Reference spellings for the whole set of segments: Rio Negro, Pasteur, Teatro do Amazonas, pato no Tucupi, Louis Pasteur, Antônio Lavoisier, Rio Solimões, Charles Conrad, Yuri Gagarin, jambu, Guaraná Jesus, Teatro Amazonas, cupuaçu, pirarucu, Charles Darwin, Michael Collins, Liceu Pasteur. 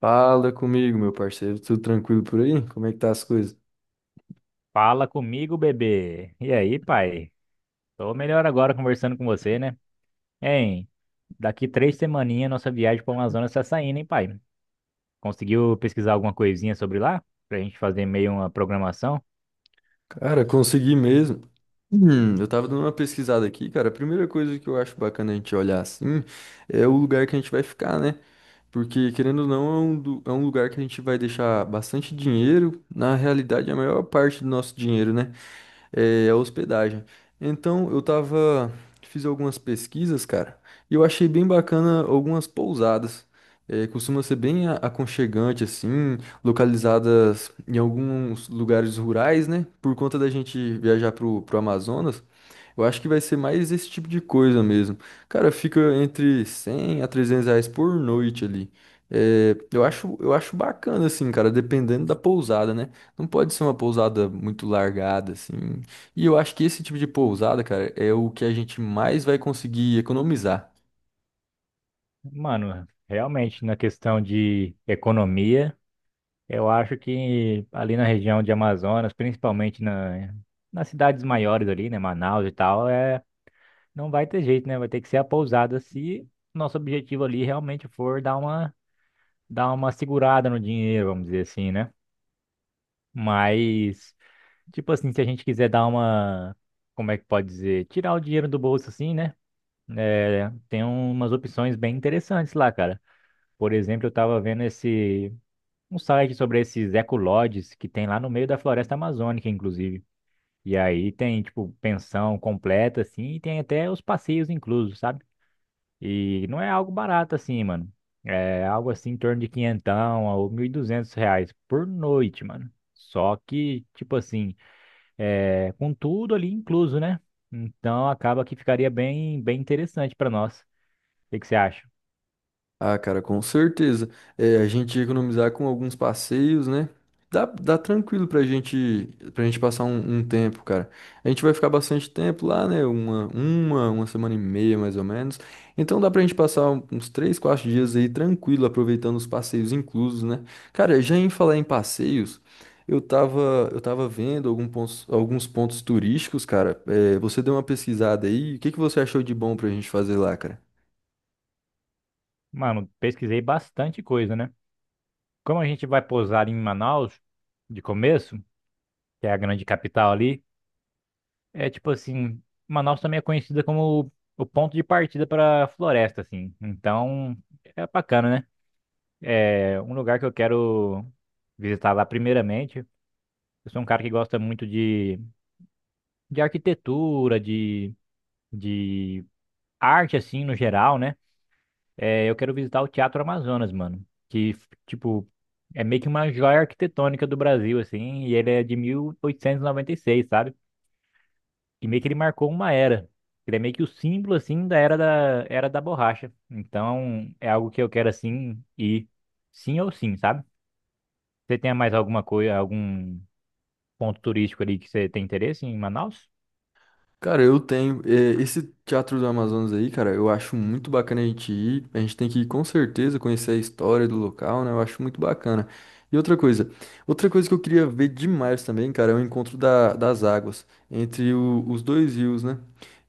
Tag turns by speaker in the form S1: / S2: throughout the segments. S1: Fala comigo, meu parceiro. Tudo tranquilo por aí? Como é que tá as coisas?
S2: Fala comigo, bebê. E aí, pai? Tô melhor agora conversando com você, né? Hein? Daqui 3 semaninhas nossa viagem para Amazonas tá saindo, hein, pai? Conseguiu pesquisar alguma coisinha sobre lá? Pra gente fazer meio uma programação?
S1: Cara, consegui mesmo. Eu tava dando uma pesquisada aqui, cara. A primeira coisa que eu acho bacana a gente olhar assim é o lugar que a gente vai ficar, né? Porque, querendo ou não, é um lugar que a gente vai deixar bastante dinheiro. Na realidade, é a maior parte do nosso dinheiro, né? É, a hospedagem. Então, fiz algumas pesquisas, cara, e eu achei bem bacana algumas pousadas. É, costuma ser bem aconchegante, assim, localizadas em alguns lugares rurais, né? Por conta da gente viajar pro Amazonas, eu acho que vai ser mais esse tipo de coisa mesmo. Cara, fica entre 100 a R$ 300 por noite ali. É, eu acho bacana, assim, cara, dependendo da pousada, né? Não pode ser uma pousada muito largada, assim. E eu acho que esse tipo de pousada, cara, é o que a gente mais vai conseguir economizar.
S2: Mano, realmente, na questão de economia, eu acho que ali na região de Amazonas, principalmente nas cidades maiores ali, né? Manaus e tal, é, não vai ter jeito, né? Vai ter que ser a pousada se nosso objetivo ali realmente for dar uma segurada no dinheiro, vamos dizer assim, né? Mas, tipo assim, se a gente quiser dar uma, como é que pode dizer? Tirar o dinheiro do bolso assim, né? É, tem umas opções bem interessantes lá, cara. Por exemplo, eu tava vendo um site sobre esses ecolodges que tem lá no meio da floresta amazônica, inclusive. E aí tem, tipo, pensão completa, assim, e tem até os passeios inclusos, sabe? E não é algo barato assim, mano. É algo assim em torno de quinhentão ou 1.200 reais por noite, mano. Só que, tipo assim, é, com tudo ali incluso, né? Então acaba que ficaria bem, bem interessante pra nós. O que que você acha?
S1: Ah, cara, com certeza. É, a gente ia economizar com alguns passeios, né? Dá tranquilo pra gente passar um tempo, cara. A gente vai ficar bastante tempo lá, né? Uma semana e meia, mais ou menos. Então dá pra gente passar uns 3, 4 dias aí tranquilo, aproveitando os passeios inclusos, né? Cara, já em falar em passeios, eu tava vendo alguns pontos turísticos, cara. É, você deu uma pesquisada aí. O que que você achou de bom pra gente fazer lá, cara?
S2: Mano, pesquisei bastante coisa, né? Como a gente vai pousar em Manaus de começo, que é a grande capital ali, é tipo assim, Manaus também é conhecida como o ponto de partida para floresta, assim. Então é bacana, né? É um lugar que eu quero visitar lá primeiramente. Eu sou um cara que gosta muito de arquitetura, de arte, assim, no geral, né? É, eu quero visitar o Teatro Amazonas, mano. Que, tipo, é meio que uma joia arquitetônica do Brasil, assim. E ele é de mil oitocentos e noventa e seis, sabe? E meio que ele marcou uma era. Ele é meio que o símbolo, assim, da era da, era da borracha. Então, é algo que eu quero, assim, ir sim ou sim, sabe? Você tem mais alguma coisa, algum ponto turístico ali que você tem interesse em Manaus?
S1: Cara, eu tenho. É, esse Teatro do Amazonas aí, cara, eu acho muito bacana a gente ir. A gente tem que ir com certeza conhecer a história do local, né? Eu acho muito bacana. E outra coisa que eu queria ver demais também, cara, é o encontro das águas entre os dois rios, né?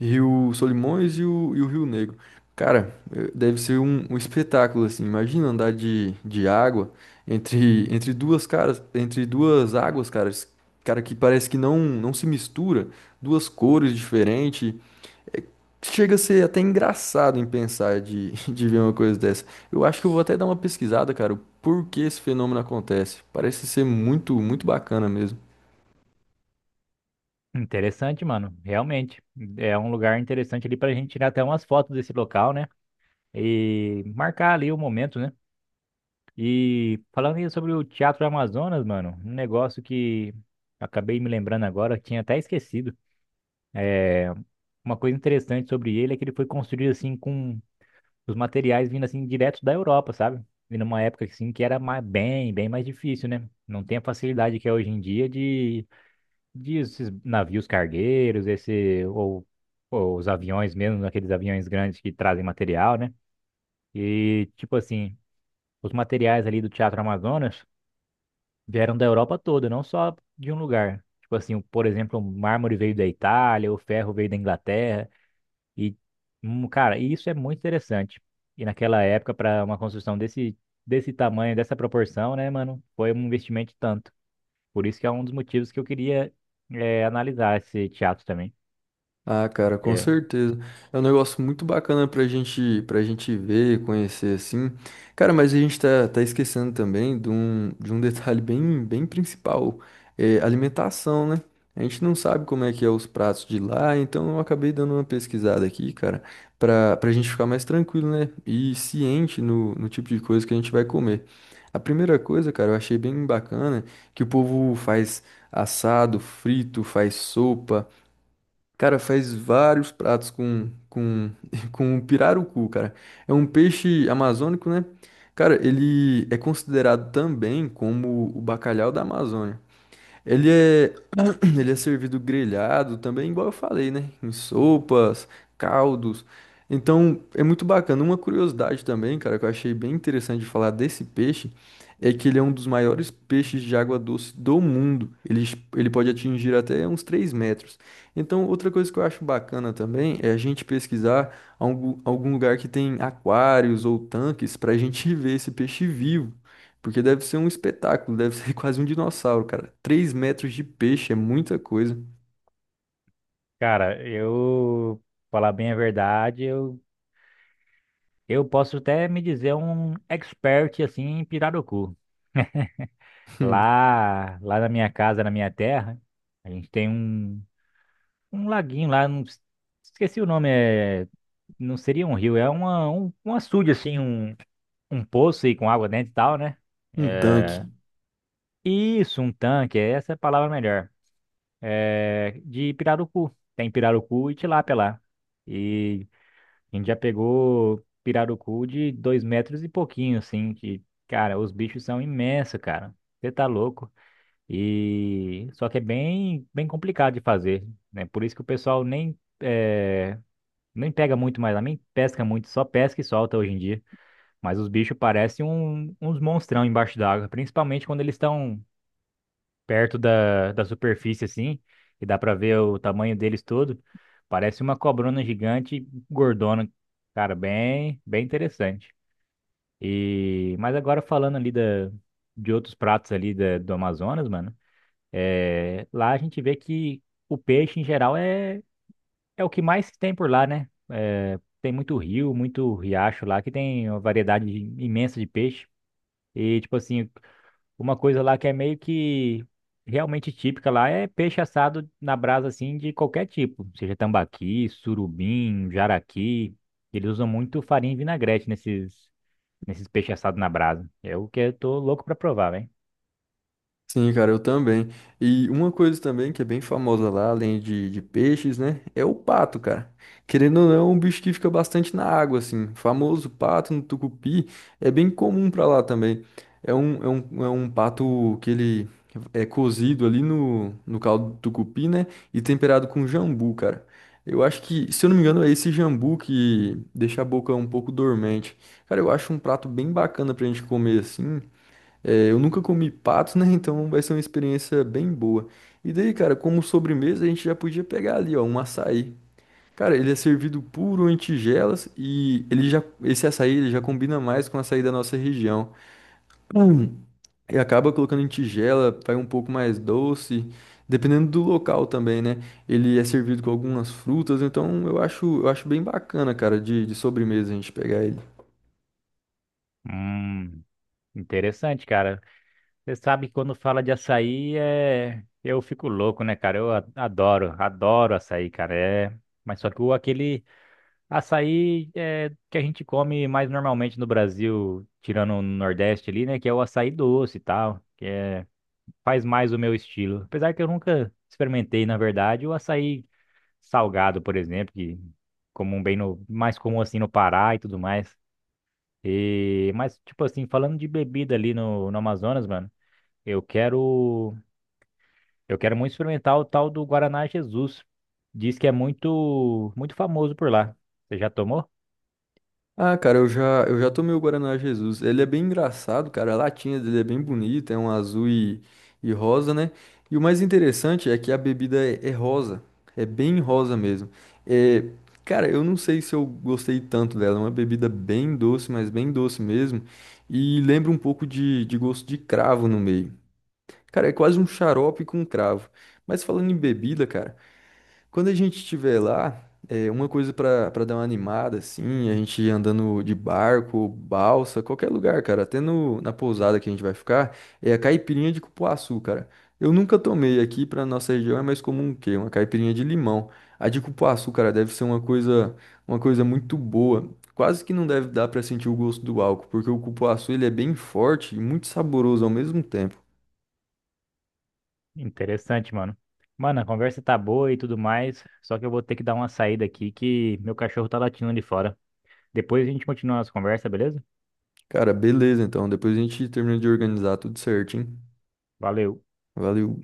S1: Rio Solimões e o Rio Negro. Cara, deve ser um espetáculo, assim. Imagina andar de água entre duas águas, cara, que parece que não se mistura duas cores diferentes. Chega a ser até engraçado em pensar de, de ver uma coisa dessa. Eu acho que eu vou até dar uma pesquisada, cara, por que esse fenômeno acontece. Parece ser muito, muito bacana mesmo.
S2: Interessante, mano. Realmente. É um lugar interessante ali pra gente tirar até umas fotos desse local, né? E marcar ali o momento, né? E falando aí sobre o Teatro Amazonas, mano, um negócio que acabei me lembrando agora, tinha até esquecido. Uma coisa interessante sobre ele é que ele foi construído assim com os materiais vindo assim direto da Europa, sabe? E numa época assim que era bem, bem mais difícil, né? Não tem a facilidade que é hoje em dia de esses navios cargueiros, esse ou os aviões mesmo, aqueles aviões grandes que trazem material, né? E tipo assim, os materiais ali do Teatro Amazonas vieram da Europa toda, não só de um lugar. Tipo assim, por exemplo, o mármore veio da Itália, o ferro veio da Inglaterra e cara, isso é muito interessante. E naquela época para uma construção desse tamanho, dessa proporção, né, mano, foi um investimento de tanto. Por isso que é um dos motivos que eu queria analisar esse teatro também.
S1: Ah, cara, com
S2: É,
S1: certeza. É um negócio muito bacana pra gente ver, conhecer assim. Cara, mas a gente tá esquecendo também de um detalhe bem, bem principal, é alimentação, né? A gente não sabe como é que é os pratos de lá, então eu acabei dando uma pesquisada aqui, cara, pra gente ficar mais tranquilo, né? E ciente no tipo de coisa que a gente vai comer. A primeira coisa, cara, eu achei bem bacana que o povo faz assado, frito, faz sopa. Cara, faz vários pratos com, com pirarucu, cara. É um peixe amazônico, né? Cara, ele é considerado também como o bacalhau da Amazônia. Ele é Ele é servido grelhado também, igual eu falei, né? Em sopas, caldos. Então, é muito bacana. Uma curiosidade também, cara, que eu achei bem interessante de falar desse peixe, é que ele é um dos maiores peixes de água doce do mundo. Ele pode atingir até uns 3 metros. Então, outra coisa que eu acho bacana também é a gente pesquisar algum lugar que tem aquários ou tanques para a gente ver esse peixe vivo. Porque deve ser um espetáculo, deve ser quase um dinossauro, cara. 3 metros de peixe é muita coisa.
S2: cara, eu falar bem a verdade, eu posso até me dizer um expert assim em pirarucu. Lá, lá na minha casa, na minha terra, a gente tem um, um laguinho lá, não, esqueci o nome, é, não seria um rio, é um açude assim, um poço aí com água dentro e tal, né?
S1: Um
S2: É,
S1: tanque.
S2: isso, um tanque, essa é a palavra melhor. É, de pirarucu. Tem pirarucu e tilápia lá. E a gente já pegou pirarucu de 2 metros e pouquinho, assim, que, cara, os bichos são imensos, cara. Você tá louco. E só que é bem, bem complicado de fazer, né? Por isso que o pessoal nem, nem pega muito mais lá, nem pesca muito, só pesca e solta hoje em dia. Mas os bichos parecem uns monstrão embaixo d'água, principalmente quando eles estão perto da superfície, assim, e dá pra ver o tamanho deles todo. Parece uma cobrona gigante, gordona. Cara, bem, bem interessante. E, mas agora falando ali de outros pratos ali da, do Amazonas, mano, é, lá a gente vê que o peixe em geral é o que mais tem por lá, né? É, tem muito rio, muito riacho lá, que tem uma variedade imensa de peixe. E, tipo assim, uma coisa lá que é meio que realmente típica lá é peixe assado na brasa, assim, de qualquer tipo. Seja tambaqui, surubim, jaraqui. Eles usam muito farinha e vinagrete nesses peixes assados na brasa. É o que eu tô louco pra provar, hein.
S1: Sim, cara, eu também. E uma coisa também que é bem famosa lá, além de peixes, né? É o pato, cara. Querendo ou não, é um bicho que fica bastante na água, assim. O famoso pato no Tucupi é bem comum pra lá também. É um pato que ele é cozido ali no caldo do Tucupi, né? E temperado com jambu, cara. Eu acho que, se eu não me engano, é esse jambu que deixa a boca um pouco dormente. Cara, eu acho um prato bem bacana pra gente comer assim. É, eu nunca comi pato, né? Então vai ser uma experiência bem boa. E daí, cara, como sobremesa, a gente já podia pegar ali, ó, um açaí. Cara, ele é servido puro em tigelas e esse açaí ele já combina mais com o açaí da nossa região. Hum. E acaba colocando em tigela, vai um pouco mais doce, dependendo do local também, né? Ele é servido com algumas frutas, então eu acho bem bacana, cara, de sobremesa a gente pegar ele.
S2: Hum, Interessante, cara. Você sabe que quando fala de açaí, eu fico louco, né, cara? Eu adoro açaí, cara. Mas só que o aquele açaí é que a gente come mais normalmente no Brasil, tirando o Nordeste ali, né? Que é o açaí doce e tal, que é, faz mais o meu estilo. Apesar que eu nunca experimentei, na verdade, o açaí salgado, por exemplo, que comum bem mais comum assim no Pará e tudo mais. E, mas, tipo assim, falando de bebida ali no Amazonas, mano, eu quero, eu quero muito experimentar o tal do Guaraná Jesus. Diz que é muito, muito famoso por lá. Você já tomou?
S1: Ah, cara, eu já tomei o Guaraná Jesus. Ele é bem engraçado, cara. A latinha dele é bem bonita, é um azul e rosa, né? E o mais interessante é que a bebida é rosa. É bem rosa mesmo. É, cara, eu não sei se eu gostei tanto dela. É uma bebida bem doce, mas bem doce mesmo. E lembra um pouco de gosto de cravo no meio. Cara, é quase um xarope com cravo. Mas falando em bebida, cara. Quando a gente estiver lá, é, uma coisa pra para dar uma animada, assim, a gente andando de barco, balsa, qualquer lugar, cara, até no, na pousada que a gente vai ficar, é a caipirinha de cupuaçu, cara. Eu nunca tomei aqui pra nossa região, é mais comum o quê? Uma caipirinha de limão. A de cupuaçu, cara, deve ser uma coisa muito boa. Quase que não deve dar pra sentir o gosto do álcool, porque o cupuaçu ele é bem forte e muito saboroso ao mesmo tempo.
S2: Interessante, mano. Mano, a conversa tá boa e tudo mais, só que eu vou ter que dar uma saída aqui que meu cachorro tá latindo ali fora. Depois a gente continua a nossa conversa, beleza?
S1: Cara, beleza, então. Depois a gente termina de organizar tudo certinho.
S2: Valeu.
S1: Valeu.